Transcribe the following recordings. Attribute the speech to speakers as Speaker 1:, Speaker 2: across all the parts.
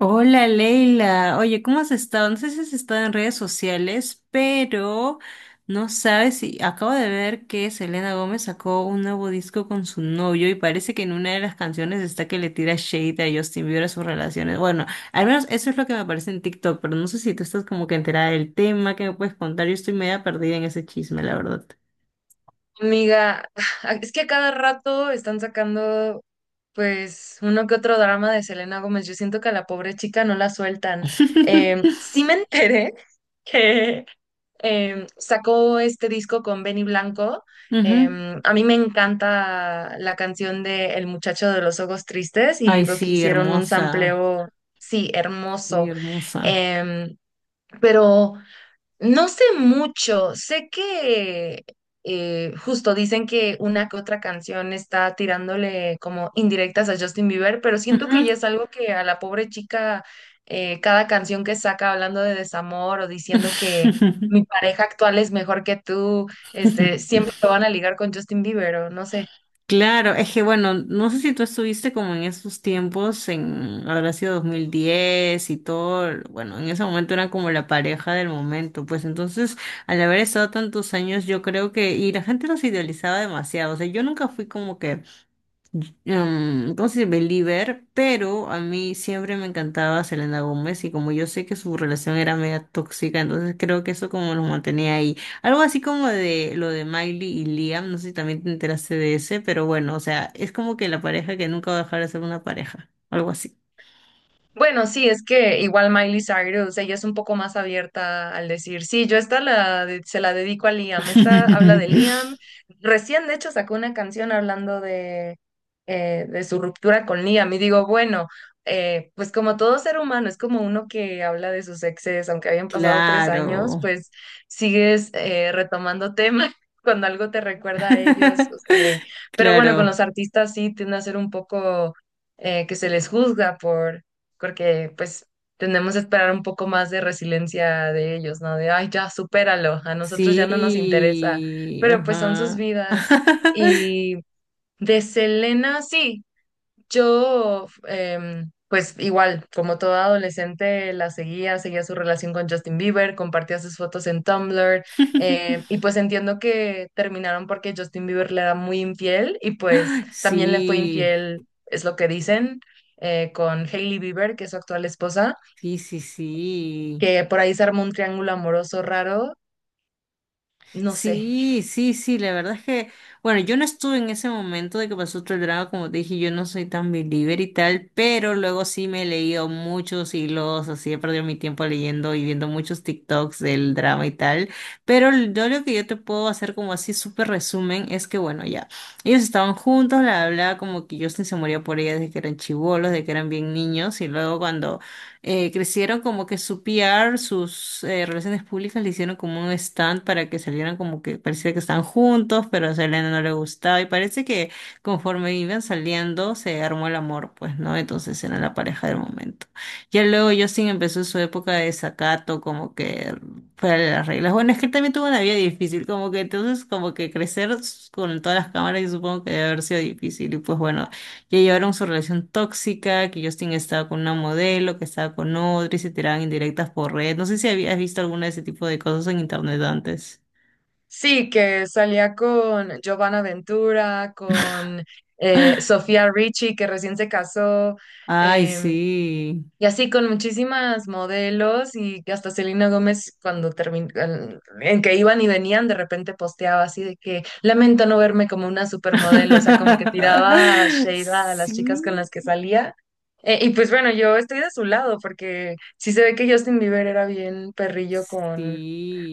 Speaker 1: Hola Leila, oye, ¿cómo has estado? No sé si has estado en redes sociales, pero no sabes si acabo de ver que Selena Gómez sacó un nuevo disco con su novio y parece que en una de las canciones está que le tira shade a Justin Bieber a sus relaciones. Bueno, al menos eso es lo que me aparece en TikTok, pero no sé si tú estás como que enterada del tema, ¿qué me puedes contar? Yo estoy media perdida en ese chisme, la verdad.
Speaker 2: Amiga, es que a cada rato están sacando pues uno que otro drama de Selena Gómez. Yo siento que a la pobre chica no la sueltan. Sí me enteré que sacó este disco con Benny Blanco.
Speaker 1: Ujú.
Speaker 2: Eh, a mí me encanta la canción de El muchacho de los ojos tristes
Speaker 1: Ay,
Speaker 2: y veo que
Speaker 1: sí,
Speaker 2: hicieron un
Speaker 1: hermosa,
Speaker 2: sampleo, sí,
Speaker 1: sí,
Speaker 2: hermoso.
Speaker 1: hermosa.
Speaker 2: Eh, pero... No sé mucho, sé que justo dicen que una que otra canción está tirándole como indirectas a Justin Bieber, pero siento que ya
Speaker 1: Ujú.
Speaker 2: es algo que a la pobre chica, cada canción que saca hablando de desamor o diciendo que mi pareja actual es mejor que tú, este, siempre lo van a ligar con Justin Bieber o no sé.
Speaker 1: Claro, es que bueno, no sé si tú estuviste como en esos tiempos, en habrá sido 2010 y todo. Bueno, en ese momento era como la pareja del momento, pues entonces al haber estado tantos años yo creo que, y la gente los idealizaba demasiado, o sea, yo nunca fui como que ¿cómo se dice? Believer, pero a mí siempre me encantaba Selena Gómez y como yo sé que su relación era media tóxica, entonces creo que eso como los mantenía ahí. Algo así como de lo de Miley y Liam, no sé si también te enteraste de ese, pero bueno, o sea, es como que la pareja que nunca va a dejar de ser una pareja, algo así.
Speaker 2: Bueno, sí, es que igual Miley Cyrus, ella es un poco más abierta al decir, sí, yo esta la, se la dedico a Liam, esta habla de Liam. Recién, de hecho, sacó una canción hablando de su ruptura con Liam y digo, bueno, pues como todo ser humano, es como uno que habla de sus exes, aunque hayan pasado 3 años,
Speaker 1: Claro.
Speaker 2: pues sigues retomando temas cuando algo te recuerda a ellos. Pero bueno, con
Speaker 1: Claro.
Speaker 2: los artistas sí tiende a ser un poco, que se les juzga porque pues tenemos que esperar un poco más de resiliencia de ellos, ¿no? De, ay, ya, supéralo, a nosotros ya no nos interesa,
Speaker 1: Sí.
Speaker 2: pero pues son sus
Speaker 1: Ajá.
Speaker 2: vidas. Y de Selena, sí. Yo, pues igual, como toda adolescente, seguía su relación con Justin Bieber, compartía sus fotos en Tumblr, y pues entiendo que terminaron porque Justin Bieber le era muy infiel y pues también le fue
Speaker 1: Sí.
Speaker 2: infiel, es lo que dicen, con Hailey Bieber, que es su actual esposa,
Speaker 1: Sí, sí, sí.
Speaker 2: que por ahí se armó un triángulo amoroso raro, no sé.
Speaker 1: Sí, sí, sí, la verdad es que, bueno, yo no estuve en ese momento de que pasó todo el drama, como te dije, yo no soy tan believer y tal, pero luego sí me he leído muchos hilos, así he perdido mi tiempo leyendo y viendo muchos TikToks del drama y tal, pero yo lo que yo te puedo hacer como así súper resumen es que, bueno, ya, ellos estaban juntos, la hablaba como que Justin se moría por ella desde que eran chibolos, desde que eran bien niños, y luego cuando crecieron como que su PR, sus relaciones públicas le hicieron como un stand para que salieran como que parecía que estaban juntos, pero a Selena no le gustaba y parece que conforme iban saliendo se armó el amor, pues, ¿no? Entonces eran la pareja del momento. Ya luego Justin empezó su época de desacato, como que fuera de las reglas. Bueno, es que él también tuvo una vida difícil, como que entonces como que crecer con todas las cámaras yo supongo que debe haber sido difícil y pues bueno, que llevaron su relación tóxica, que Justin estaba con una modelo, que estaba con otra y se tiraban indirectas por red. No sé si habías visto alguna de ese tipo de cosas en internet antes.
Speaker 2: Sí, que salía con Giovanna Ventura, con Sofía Richie, que recién se casó.
Speaker 1: Ay,
Speaker 2: eh,
Speaker 1: sí.
Speaker 2: y así con muchísimas modelos y que hasta Selena Gómez cuando terminó, en que iban y venían, de repente posteaba así de que lamento no verme como una supermodelo, o sea, como que tiraba shade a las chicas con
Speaker 1: Sí,
Speaker 2: las que salía. Y pues bueno, yo estoy de su lado porque sí se ve que Justin Bieber era bien perrillo con,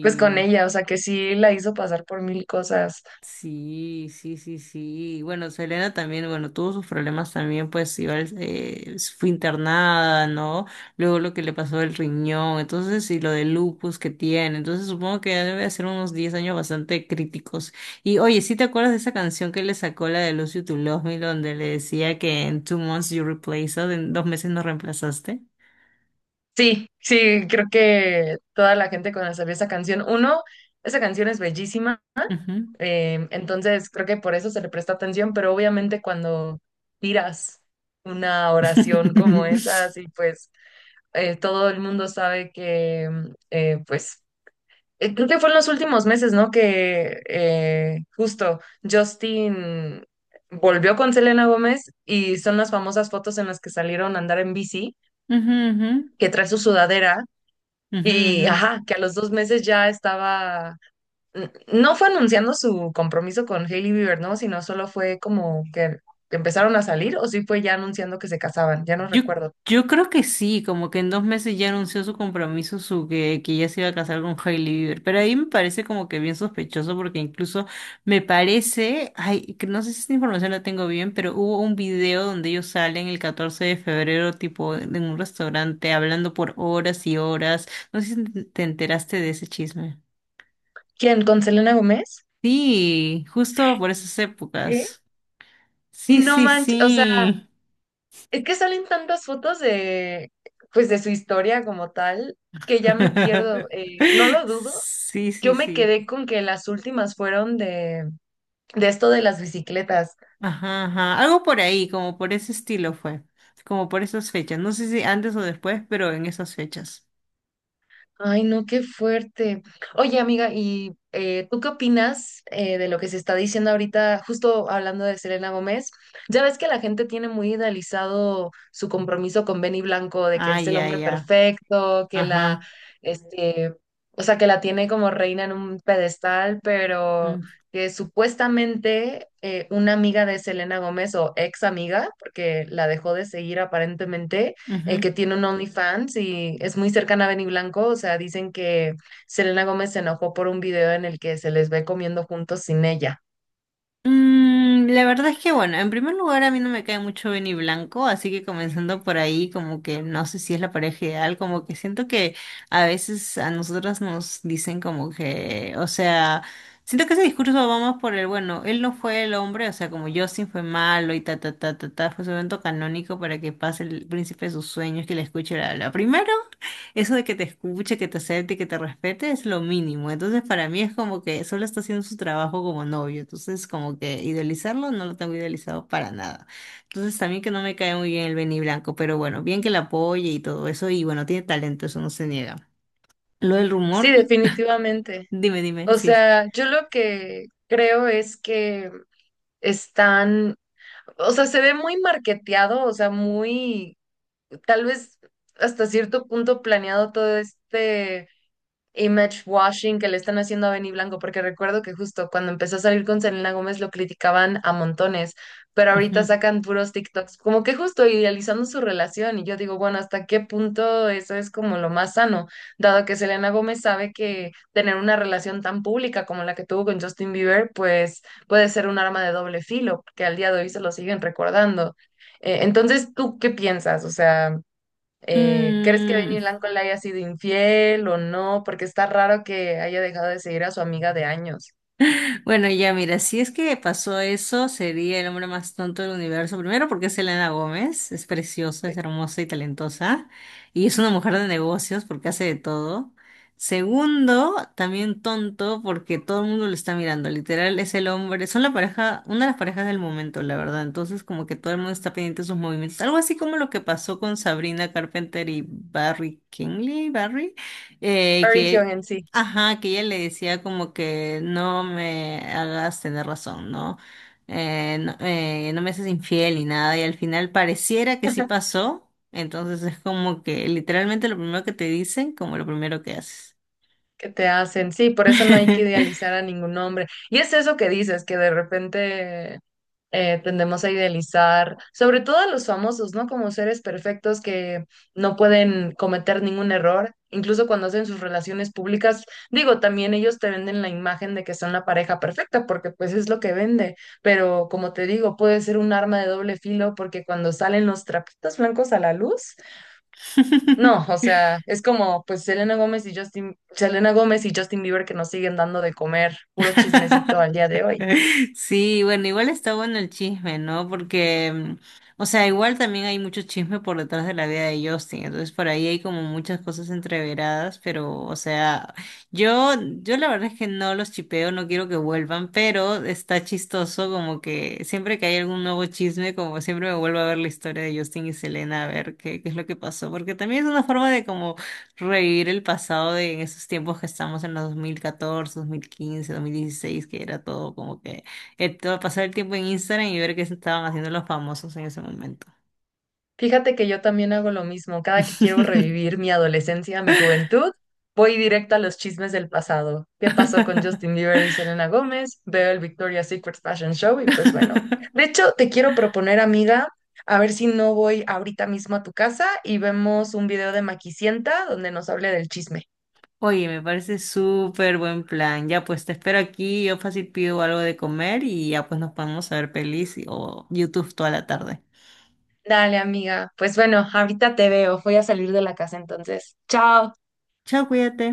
Speaker 2: pues con ella, o sea, que sí la hizo pasar por mil cosas.
Speaker 1: Sí, sí, sí, sí. Bueno, Selena también, bueno, tuvo sus problemas también, pues igual fue internada, ¿no? Luego lo que le pasó el riñón, entonces, y lo de lupus que tiene. Entonces, supongo que debe de ser unos 10 años bastante críticos. Y oye, ¿sí te acuerdas de esa canción que le sacó, la de Lose You to Love Me, donde le decía que en two months you replaced us, en dos meses nos reemplazaste?
Speaker 2: Sí, sí, creo que toda la gente cuando salió esa canción, uno, esa canción es bellísima.
Speaker 1: Ujú.
Speaker 2: Entonces, creo que por eso se le presta atención, pero obviamente cuando tiras una oración como esa, así pues todo el mundo sabe que, mm, pues, creo que fue en los últimos meses, ¿no? Que justo Justin volvió con Selena Gómez y son las famosas fotos en las que salieron a andar en bici,
Speaker 1: Ujú,
Speaker 2: que trae su sudadera
Speaker 1: ujú, ujú,
Speaker 2: y,
Speaker 1: ujú.
Speaker 2: ajá, que a los 2 meses ya estaba no fue anunciando su compromiso con Hailey Bieber, ¿no? Sino solo fue como que empezaron a salir, o sí fue ya anunciando que se casaban, ya no
Speaker 1: Yo,
Speaker 2: recuerdo.
Speaker 1: yo creo que sí, como que en 2 meses ya anunció su compromiso, que ya se iba a casar con Hailey Bieber. Pero ahí me parece como que bien sospechoso, porque incluso me parece, ay, que no sé si esta información la tengo bien, pero hubo un video donde ellos salen el 14 de febrero, tipo en un restaurante, hablando por horas y horas. No sé si te enteraste de ese chisme.
Speaker 2: ¿Quién? ¿Con Selena Gómez?
Speaker 1: Sí, justo por esas
Speaker 2: ¿Qué?
Speaker 1: épocas. Sí,
Speaker 2: No
Speaker 1: sí,
Speaker 2: manches, o sea,
Speaker 1: sí.
Speaker 2: es que salen tantas fotos de, pues, de su historia como tal, que ya me pierdo. No lo dudo.
Speaker 1: Sí, sí,
Speaker 2: Yo me
Speaker 1: sí.
Speaker 2: quedé con que las últimas fueron de esto de las bicicletas.
Speaker 1: Ajá, ajá. Algo por ahí, como por ese estilo fue. Como por esas fechas. No sé si antes o después, pero en esas fechas.
Speaker 2: Ay, no, qué fuerte. Oye, amiga, ¿y tú qué opinas de lo que se está diciendo ahorita, justo hablando de Selena Gómez? Ya ves que la gente tiene muy idealizado su compromiso con Benny Blanco, de que él
Speaker 1: Ah,
Speaker 2: es el
Speaker 1: ya,
Speaker 2: hombre
Speaker 1: ya.
Speaker 2: perfecto, que la,
Speaker 1: Ajá.
Speaker 2: este, o sea, que la tiene como reina en un pedestal, pero
Speaker 1: Mm,
Speaker 2: que supuestamente una amiga de Selena Gómez o ex amiga, porque la dejó de seguir aparentemente
Speaker 1: ujú.
Speaker 2: que tiene un OnlyFans y es muy cercana a Benny Blanco. O sea, dicen que Selena Gómez se enojó por un video en el que se les ve comiendo juntos sin ella.
Speaker 1: Mm, la verdad es que, bueno, en primer lugar a mí no me cae mucho Benny Blanco, así que comenzando por ahí, como que no sé si es la pareja ideal, como que siento que a veces a nosotras nos dicen como que, o sea, siento que ese discurso va más por el, bueno, él no fue el hombre, o sea, como Justin fue malo y ta, ta, ta, ta, ta, fue su evento canónico para que pase el príncipe de sus sueños, que le escuche la primero. Eso de que te escuche, que te acepte, que te respete es lo mínimo. Entonces, para mí es como que solo está haciendo su trabajo como novio. Entonces, como que idealizarlo no lo tengo idealizado para nada. Entonces, también que no me cae muy bien el Benny Blanco, pero bueno, bien que la apoye y todo eso. Y bueno, tiene talento, eso no se niega. Lo del rumor,
Speaker 2: Sí, definitivamente.
Speaker 1: dime, dime,
Speaker 2: O
Speaker 1: sí.
Speaker 2: sea, yo lo que creo es que están, o sea, se ve muy marketeado, o sea, muy, tal vez hasta cierto punto planeado todo este image washing que le están haciendo a Benny Blanco, porque recuerdo que justo cuando empezó a salir con Selena Gómez lo criticaban a montones, pero ahorita
Speaker 1: Ujú.
Speaker 2: sacan puros TikToks, como que justo idealizando su relación, y yo digo, bueno, ¿hasta qué punto eso es como lo más sano? Dado que Selena Gómez sabe que tener una relación tan pública como la que tuvo con Justin Bieber, pues puede ser un arma de doble filo, que al día de hoy se lo siguen recordando. Entonces, ¿tú qué piensas? O sea... ¿Crees que Benny
Speaker 1: Mm,
Speaker 2: Blanco le haya sido infiel o no? Porque está raro que haya dejado de seguir a su amiga de años.
Speaker 1: bueno, ya mira, si es que pasó eso, sería el hombre más tonto del universo. Primero porque es Elena Gómez, es preciosa, es
Speaker 2: Pe-
Speaker 1: hermosa y talentosa. Y es una mujer de negocios porque hace de todo. Segundo, también tonto porque todo el mundo lo está mirando. Literal, es el hombre, son la pareja, una de las parejas del momento, la verdad. Entonces, como que todo el mundo está pendiente de sus movimientos. Algo así como lo que pasó con Sabrina Carpenter y Barry Kingley, Barry,
Speaker 2: Perry Kyung
Speaker 1: que
Speaker 2: en sí,
Speaker 1: Ajá, que ella le decía como que no me hagas tener razón, ¿no? No, no me haces infiel ni nada, y al final pareciera que sí pasó, entonces es como que literalmente lo primero que te dicen, como lo primero que haces.
Speaker 2: ¿que te hacen? Sí, por eso no hay que idealizar a ningún hombre. Y es eso que dices, que de repente tendemos a idealizar, sobre todo a los famosos, ¿no? Como seres perfectos que no pueden cometer ningún error, incluso cuando hacen sus relaciones públicas. Digo, también ellos te venden la imagen de que son la pareja perfecta, porque pues es lo que vende, pero como te digo, puede ser un arma de doble filo porque cuando salen los trapitos blancos a la luz, no, o sea, es como pues Selena Gómez y Justin, Selena Gómez y Justin Bieber que nos siguen dando de comer, puro chismecito al día de hoy.
Speaker 1: Sí, bueno, igual está bueno el chisme, ¿no? Porque, mm, o sea, igual también hay mucho chisme por detrás de la vida de Justin, entonces por ahí hay como muchas cosas entreveradas, pero, o sea, yo, yo la verdad es que no los chipeo, no quiero que vuelvan, pero está chistoso como que siempre que hay algún nuevo chisme, como siempre me vuelvo a ver la historia de Justin y Selena, a ver qué es lo que pasó, porque también es una forma de como revivir el pasado, de en esos tiempos que estamos en los 2014, 2015, 2016, que era todo como que pasar el tiempo en Instagram y ver qué se estaban haciendo los famosos en ese momento.
Speaker 2: Fíjate que yo también hago lo mismo. Cada que quiero revivir mi adolescencia, mi juventud, voy directo a los chismes del pasado. ¿Qué pasó con Justin Bieber y Selena Gómez? Veo el Victoria's Secret Fashion Show y pues bueno. De hecho, te quiero proponer, amiga, a ver si no voy ahorita mismo a tu casa y vemos un video de Maquisienta donde nos hable del chisme.
Speaker 1: Oye, me parece súper buen plan. Ya pues te espero aquí, yo fácil pido algo de comer y ya pues nos podemos ver pelis y- o YouTube toda la tarde.
Speaker 2: Dale, amiga. Pues bueno, ahorita te veo. Voy a salir de la casa entonces. Chao.
Speaker 1: Chao, cuídate.